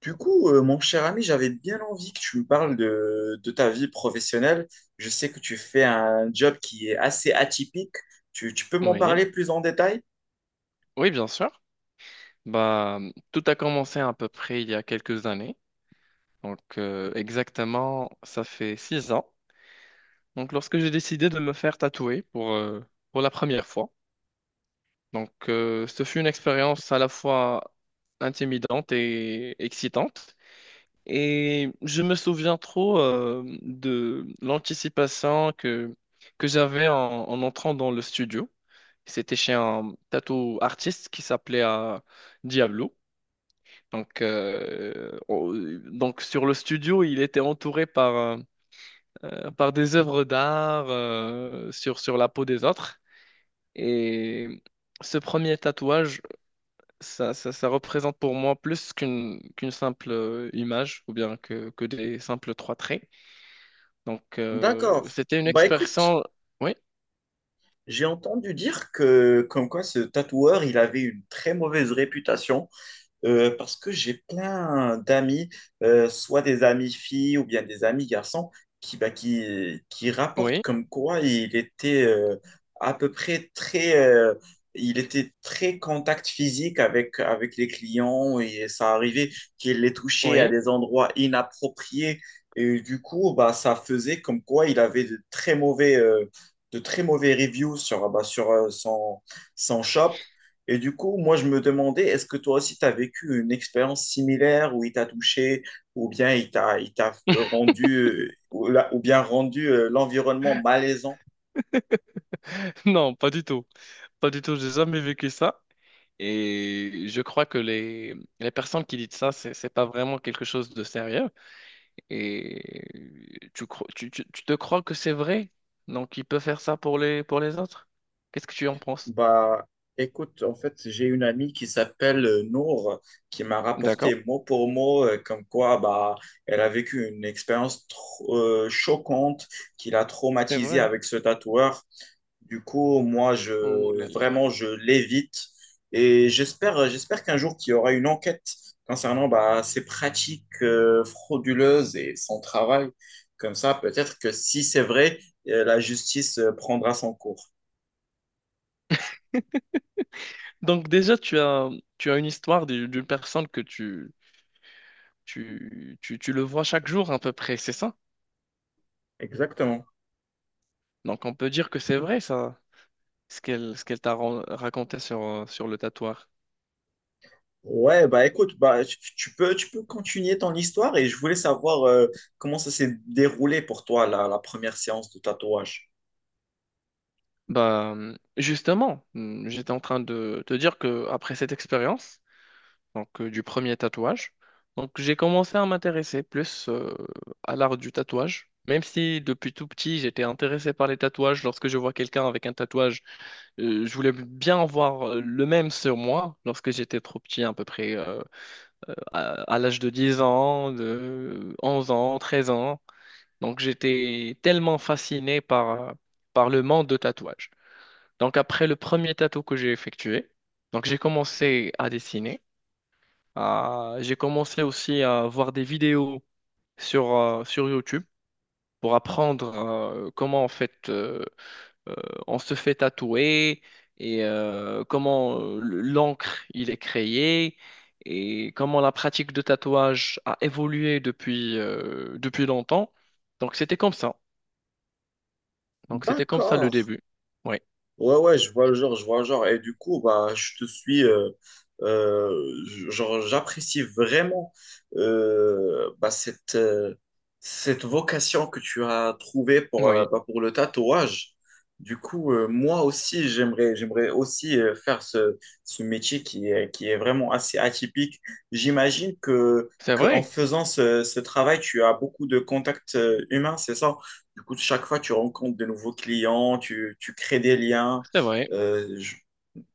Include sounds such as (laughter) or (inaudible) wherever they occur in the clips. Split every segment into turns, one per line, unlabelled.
Mon cher ami, j'avais bien envie que tu me parles de ta vie professionnelle. Je sais que tu fais un job qui est assez atypique. Tu peux m'en
Oui,
parler plus en détail?
oui, bien sûr. Tout a commencé à peu près il y a quelques années. Exactement, ça fait six ans. Donc, lorsque j'ai décidé de me faire tatouer pour la première fois. Ce fut une expérience à la fois intimidante et excitante. Et je me souviens trop de l'anticipation que j'avais en entrant dans le studio. C'était chez un tatou artiste qui s'appelait Diablo. Donc, euh, on- donc sur le studio, il était entouré par des œuvres d'art sur la peau des autres. Et ce premier tatouage, ça représente pour moi plus qu'une simple image ou bien que des simples trois traits.
D'accord.
C'était une
Bah écoute,
expérience... Oui,
j'ai entendu dire que comme quoi ce tatoueur, il avait une très mauvaise réputation. Parce que j'ai plein d'amis, soit des amis filles ou bien des amis garçons, qui rapportent
oui,
comme quoi il était à peu près très, il était très contact physique avec les clients et ça arrivait qu'il les touchait à
oui.
des endroits inappropriés. Et du coup, bah, ça faisait comme quoi il avait de très mauvais reviews sur son shop. Et du coup, moi, je me demandais, est-ce que toi aussi, tu as vécu une expérience similaire où il t'a touché ou bien il t'a
(laughs)
rendu, ou, la- ou bien rendu l'environnement malaisant?
Non, pas du tout. Pas du tout, j'ai jamais vécu ça. Et je crois que les personnes qui disent ça, c'est pas vraiment quelque chose de sérieux. Et tu te crois que c'est vrai? Donc, il peut faire ça pour pour les autres? Qu'est-ce que tu en penses?
Bah, écoute, en fait, j'ai une amie qui s'appelle Nour, qui m'a rapporté
D'accord,
mot pour mot, comme quoi, bah, elle a vécu une expérience choquante qui l'a
c'est
traumatisée
vrai.
avec ce tatoueur. Du coup, moi,
Oh là
je,
là.
vraiment, je l'évite. Et j'espère, j'espère qu'un jour, qu'il y aura une enquête concernant bah, ces pratiques frauduleuses et son travail. Comme ça, peut-être que si c'est vrai, la justice prendra son cours.
Donc, déjà, tu as une histoire d'une personne que tu le vois chaque jour à peu près, c'est ça?
Exactement.
Donc, on peut dire que c'est vrai, ça, ce qu'elle raconté sur le tatouage.
Ouais, bah écoute, bah, tu peux continuer ton histoire et je voulais savoir comment ça s'est déroulé pour toi, la première séance de tatouage.
Justement, hmm, j'étais en train de te dire que après cette expérience, du premier tatouage, donc j'ai commencé à m'intéresser plus à l'art du tatouage. Même si depuis tout petit j'étais intéressé par les tatouages, lorsque je vois quelqu'un avec un tatouage, je voulais bien en voir le même sur moi lorsque j'étais trop petit, à peu près à l'âge de 10 ans, de 11 ans, 13 ans. Donc j'étais tellement fasciné par le monde de tatouage. Donc après le premier tatou que j'ai effectué, donc j'ai commencé à dessiner. J'ai commencé aussi à voir des vidéos sur YouTube pour apprendre comment en fait euh, on se fait tatouer et comment l'encre il est créé et comment la pratique de tatouage a évolué depuis longtemps. Donc c'était comme ça. Donc c'était comme ça le
D'accord.
début. Oui,
Ouais, ouais, je vois le genre, je vois le genre. Et du coup, bah, je te suis, euh, genre, j'apprécie vraiment bah, cette vocation que tu as trouvée pour,
oui,
bah, pour le tatouage. Du coup, moi aussi, j'aimerais aussi faire ce métier qui est vraiment assez atypique. J'imagine
c'est
que en
vrai,
faisant ce travail, tu as beaucoup de contacts humains, c'est ça? Du coup, chaque fois, tu rencontres de nouveaux clients, tu crées des liens.
c'est vrai.
Euh, je-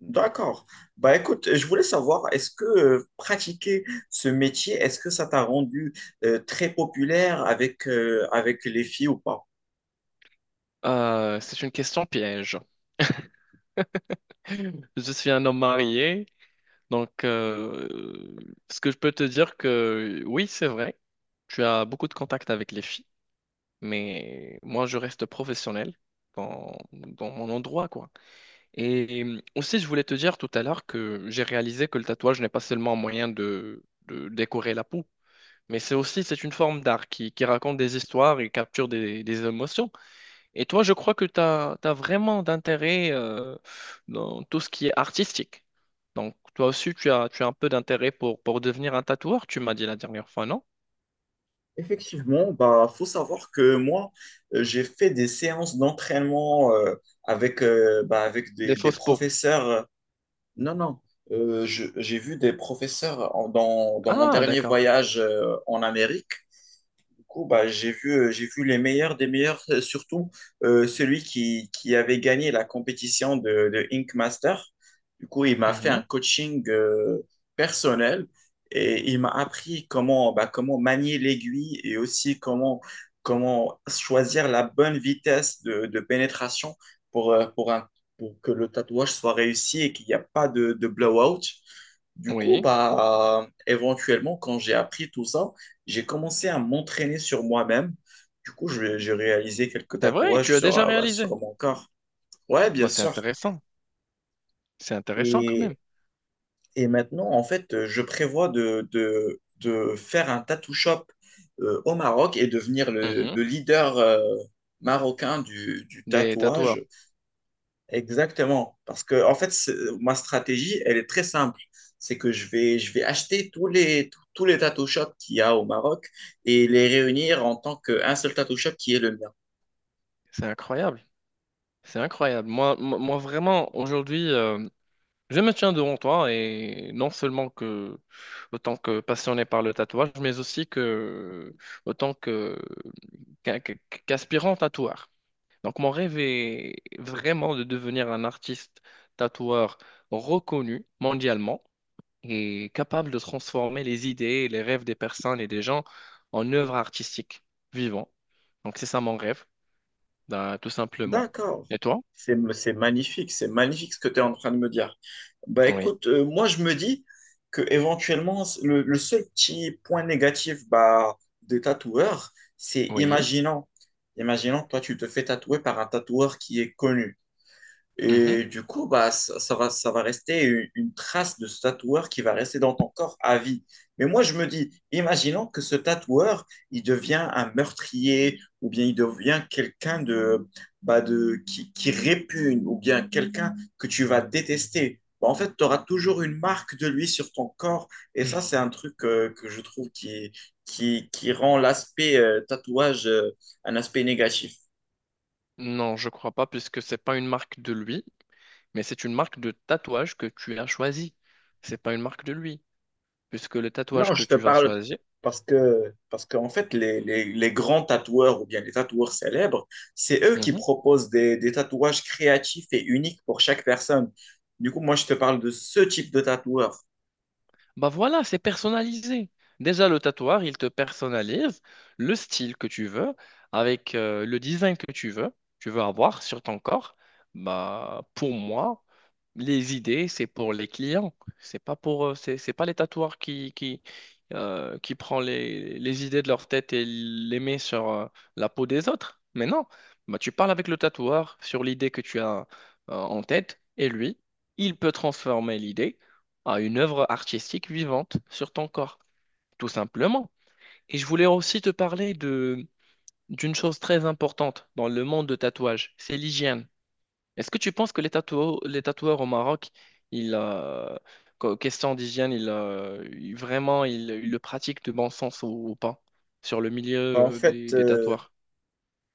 D'accord. Bah écoute, je voulais savoir, est-ce que pratiquer ce métier, est-ce que ça t'a rendu très populaire avec les filles ou pas?
C'est une question piège. Je suis un homme marié, donc euh, ce que je peux te dire que oui, c'est vrai, tu as beaucoup de contacts avec les filles, mais moi je reste professionnel dans mon endroit, quoi. Et aussi, je voulais te dire tout à l'heure que j'ai réalisé que le tatouage n'est pas seulement un moyen de décorer la peau, mais c'est une forme d'art qui raconte des histoires et capture des émotions. Et toi, je crois que tu as vraiment d'intérêt dans tout ce qui est artistique. Donc, toi aussi, tu as un peu d'intérêt pour devenir un tatoueur, tu m'as dit la dernière fois, non?
Effectivement, bah faut savoir que moi, j'ai fait des séances d'entraînement avec
Des
des
fausses peaux.
professeurs. Non, non, j'ai vu des professeurs dans mon
Ah,
dernier
d'accord.
voyage en Amérique. Du coup, bah, j'ai vu les meilleurs des meilleurs, surtout celui qui avait gagné la compétition de Ink Master. Du coup, il m'a fait un
Mhm.
coaching personnel et il m'a appris comment, bah, comment manier l'aiguille et aussi comment choisir la bonne vitesse de pénétration pour, euh, pour, un, pour que le tatouage soit réussi et qu'il n'y a pas de blowout. Du coup,
Oui,
bah, éventuellement, quand j'ai appris tout ça, j'ai commencé à m'entraîner sur moi-même. Du coup, j'ai réalisé quelques
c'est vrai,
tatouages
tu as
sur,
déjà
bah,
réalisé.
sur mon corps. Ouais,
Bah,
bien
c'est
sûr.
intéressant. C'est intéressant quand même.
Et, et maintenant, en fait, je prévois de faire un tattoo shop au Maroc et devenir
Mhm.
le leader marocain du
Des tatoueurs.
tatouage. Exactement. Parce que, en fait, ma stratégie, elle est très simple. C'est que je vais acheter tous tous les tattoo shops qu'il y a au Maroc et les réunir en tant qu'un seul tattoo shop qui est le mien.
C'est incroyable. C'est incroyable. Moi, vraiment, aujourd'hui, je me tiens devant toi et non seulement que autant que passionné par le tatouage, mais aussi que autant que qu'un- qu'un- qu'aspirant tatoueur. Donc mon rêve est vraiment de devenir un artiste tatoueur reconnu mondialement et capable de transformer les idées et les rêves des personnes et des gens en œuvres artistiques vivantes. Donc c'est ça mon rêve, ben, tout simplement.
D'accord.
Et toi?
C'est magnifique. C'est magnifique ce que tu es en train de me dire. Bah
Oui,
écoute, moi, je me dis que éventuellement, le seul petit point négatif bah, des tatoueurs, c'est
oui.
imaginons, imaginons, que toi, tu te fais tatouer par un tatoueur qui est connu.
Mhm.
Et du coup, bah, ça va rester une trace de ce tatoueur qui va rester dans ton corps à vie. Mais moi, je me dis, imaginons que ce tatoueur, il devient un meurtrier ou bien il devient quelqu'un de, bah, de, qui répugne ou bien quelqu'un que tu vas détester. Bah, en fait, tu auras toujours une marque de lui sur ton corps. Et ça, c'est un truc que je trouve qui rend l'aspect tatouage un aspect négatif.
Non, je crois pas, puisque c'est pas une marque de lui, mais c'est une marque de tatouage que tu as choisi. C'est pas une marque de lui, puisque le tatouage
Non,
que
je te
tu vas
parle
choisir,
parce que, parce qu'en fait, les grands tatoueurs ou bien les tatoueurs célèbres, c'est eux qui
Mhm.
proposent des tatouages créatifs et uniques pour chaque personne. Du coup, moi, je te parle de ce type de tatoueur.
Bah voilà, c'est personnalisé. Déjà, le tatouage, il te personnalise le style que tu veux, avec le design que tu veux avoir sur ton corps. Bah, pour moi, les idées, c'est pour les clients. C'est pas pour, c'est pas les tatoueurs qui prend les idées de leur tête et les met sur la peau des autres. Mais non, bah, tu parles avec le tatoueur sur l'idée que tu as en tête et lui, il peut transformer l'idée à une œuvre artistique vivante sur ton corps, tout simplement. Et je voulais aussi te parler de d'une chose très importante dans le monde de tatouage, c'est l'hygiène. Est-ce que tu penses que les tatoueurs au Maroc, ils, euh, question d'hygiène, vraiment, ils le pratiquent de bon sens ou pas sur le milieu
En fait,
des
euh,
tatoueurs?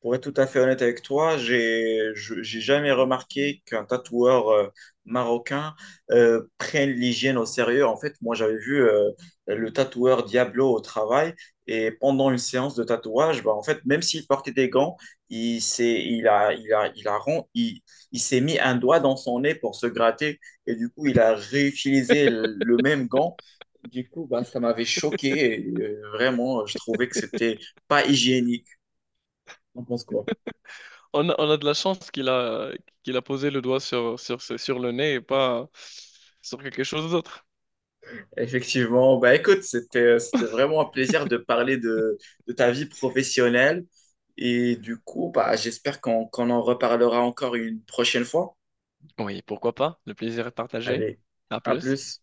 Pour être tout à fait honnête avec toi, j'ai jamais remarqué qu'un tatoueur marocain prenne l'hygiène au sérieux. En fait, moi, j'avais vu le tatoueur Diablo au travail et pendant une séance de tatouage, bah, en fait, même s'il portait des gants, il s'est il a il a il a ron- il s'est mis un doigt dans son nez pour se gratter et du coup, il a réutilisé le même gant. Du coup, bah, ça m'avait choqué et vraiment, je trouvais que c'était pas hygiénique. T'en penses quoi?
On a de la chance qu'il a, qu'il a posé le doigt sur le nez et pas sur quelque chose d'autre.
Effectivement, bah écoute, c'était vraiment un plaisir de parler de ta vie professionnelle et du coup, bah j'espère qu'on en reparlera encore une prochaine fois.
Oui, pourquoi pas? Le plaisir est partagé.
Allez,
À
à
plus.
plus.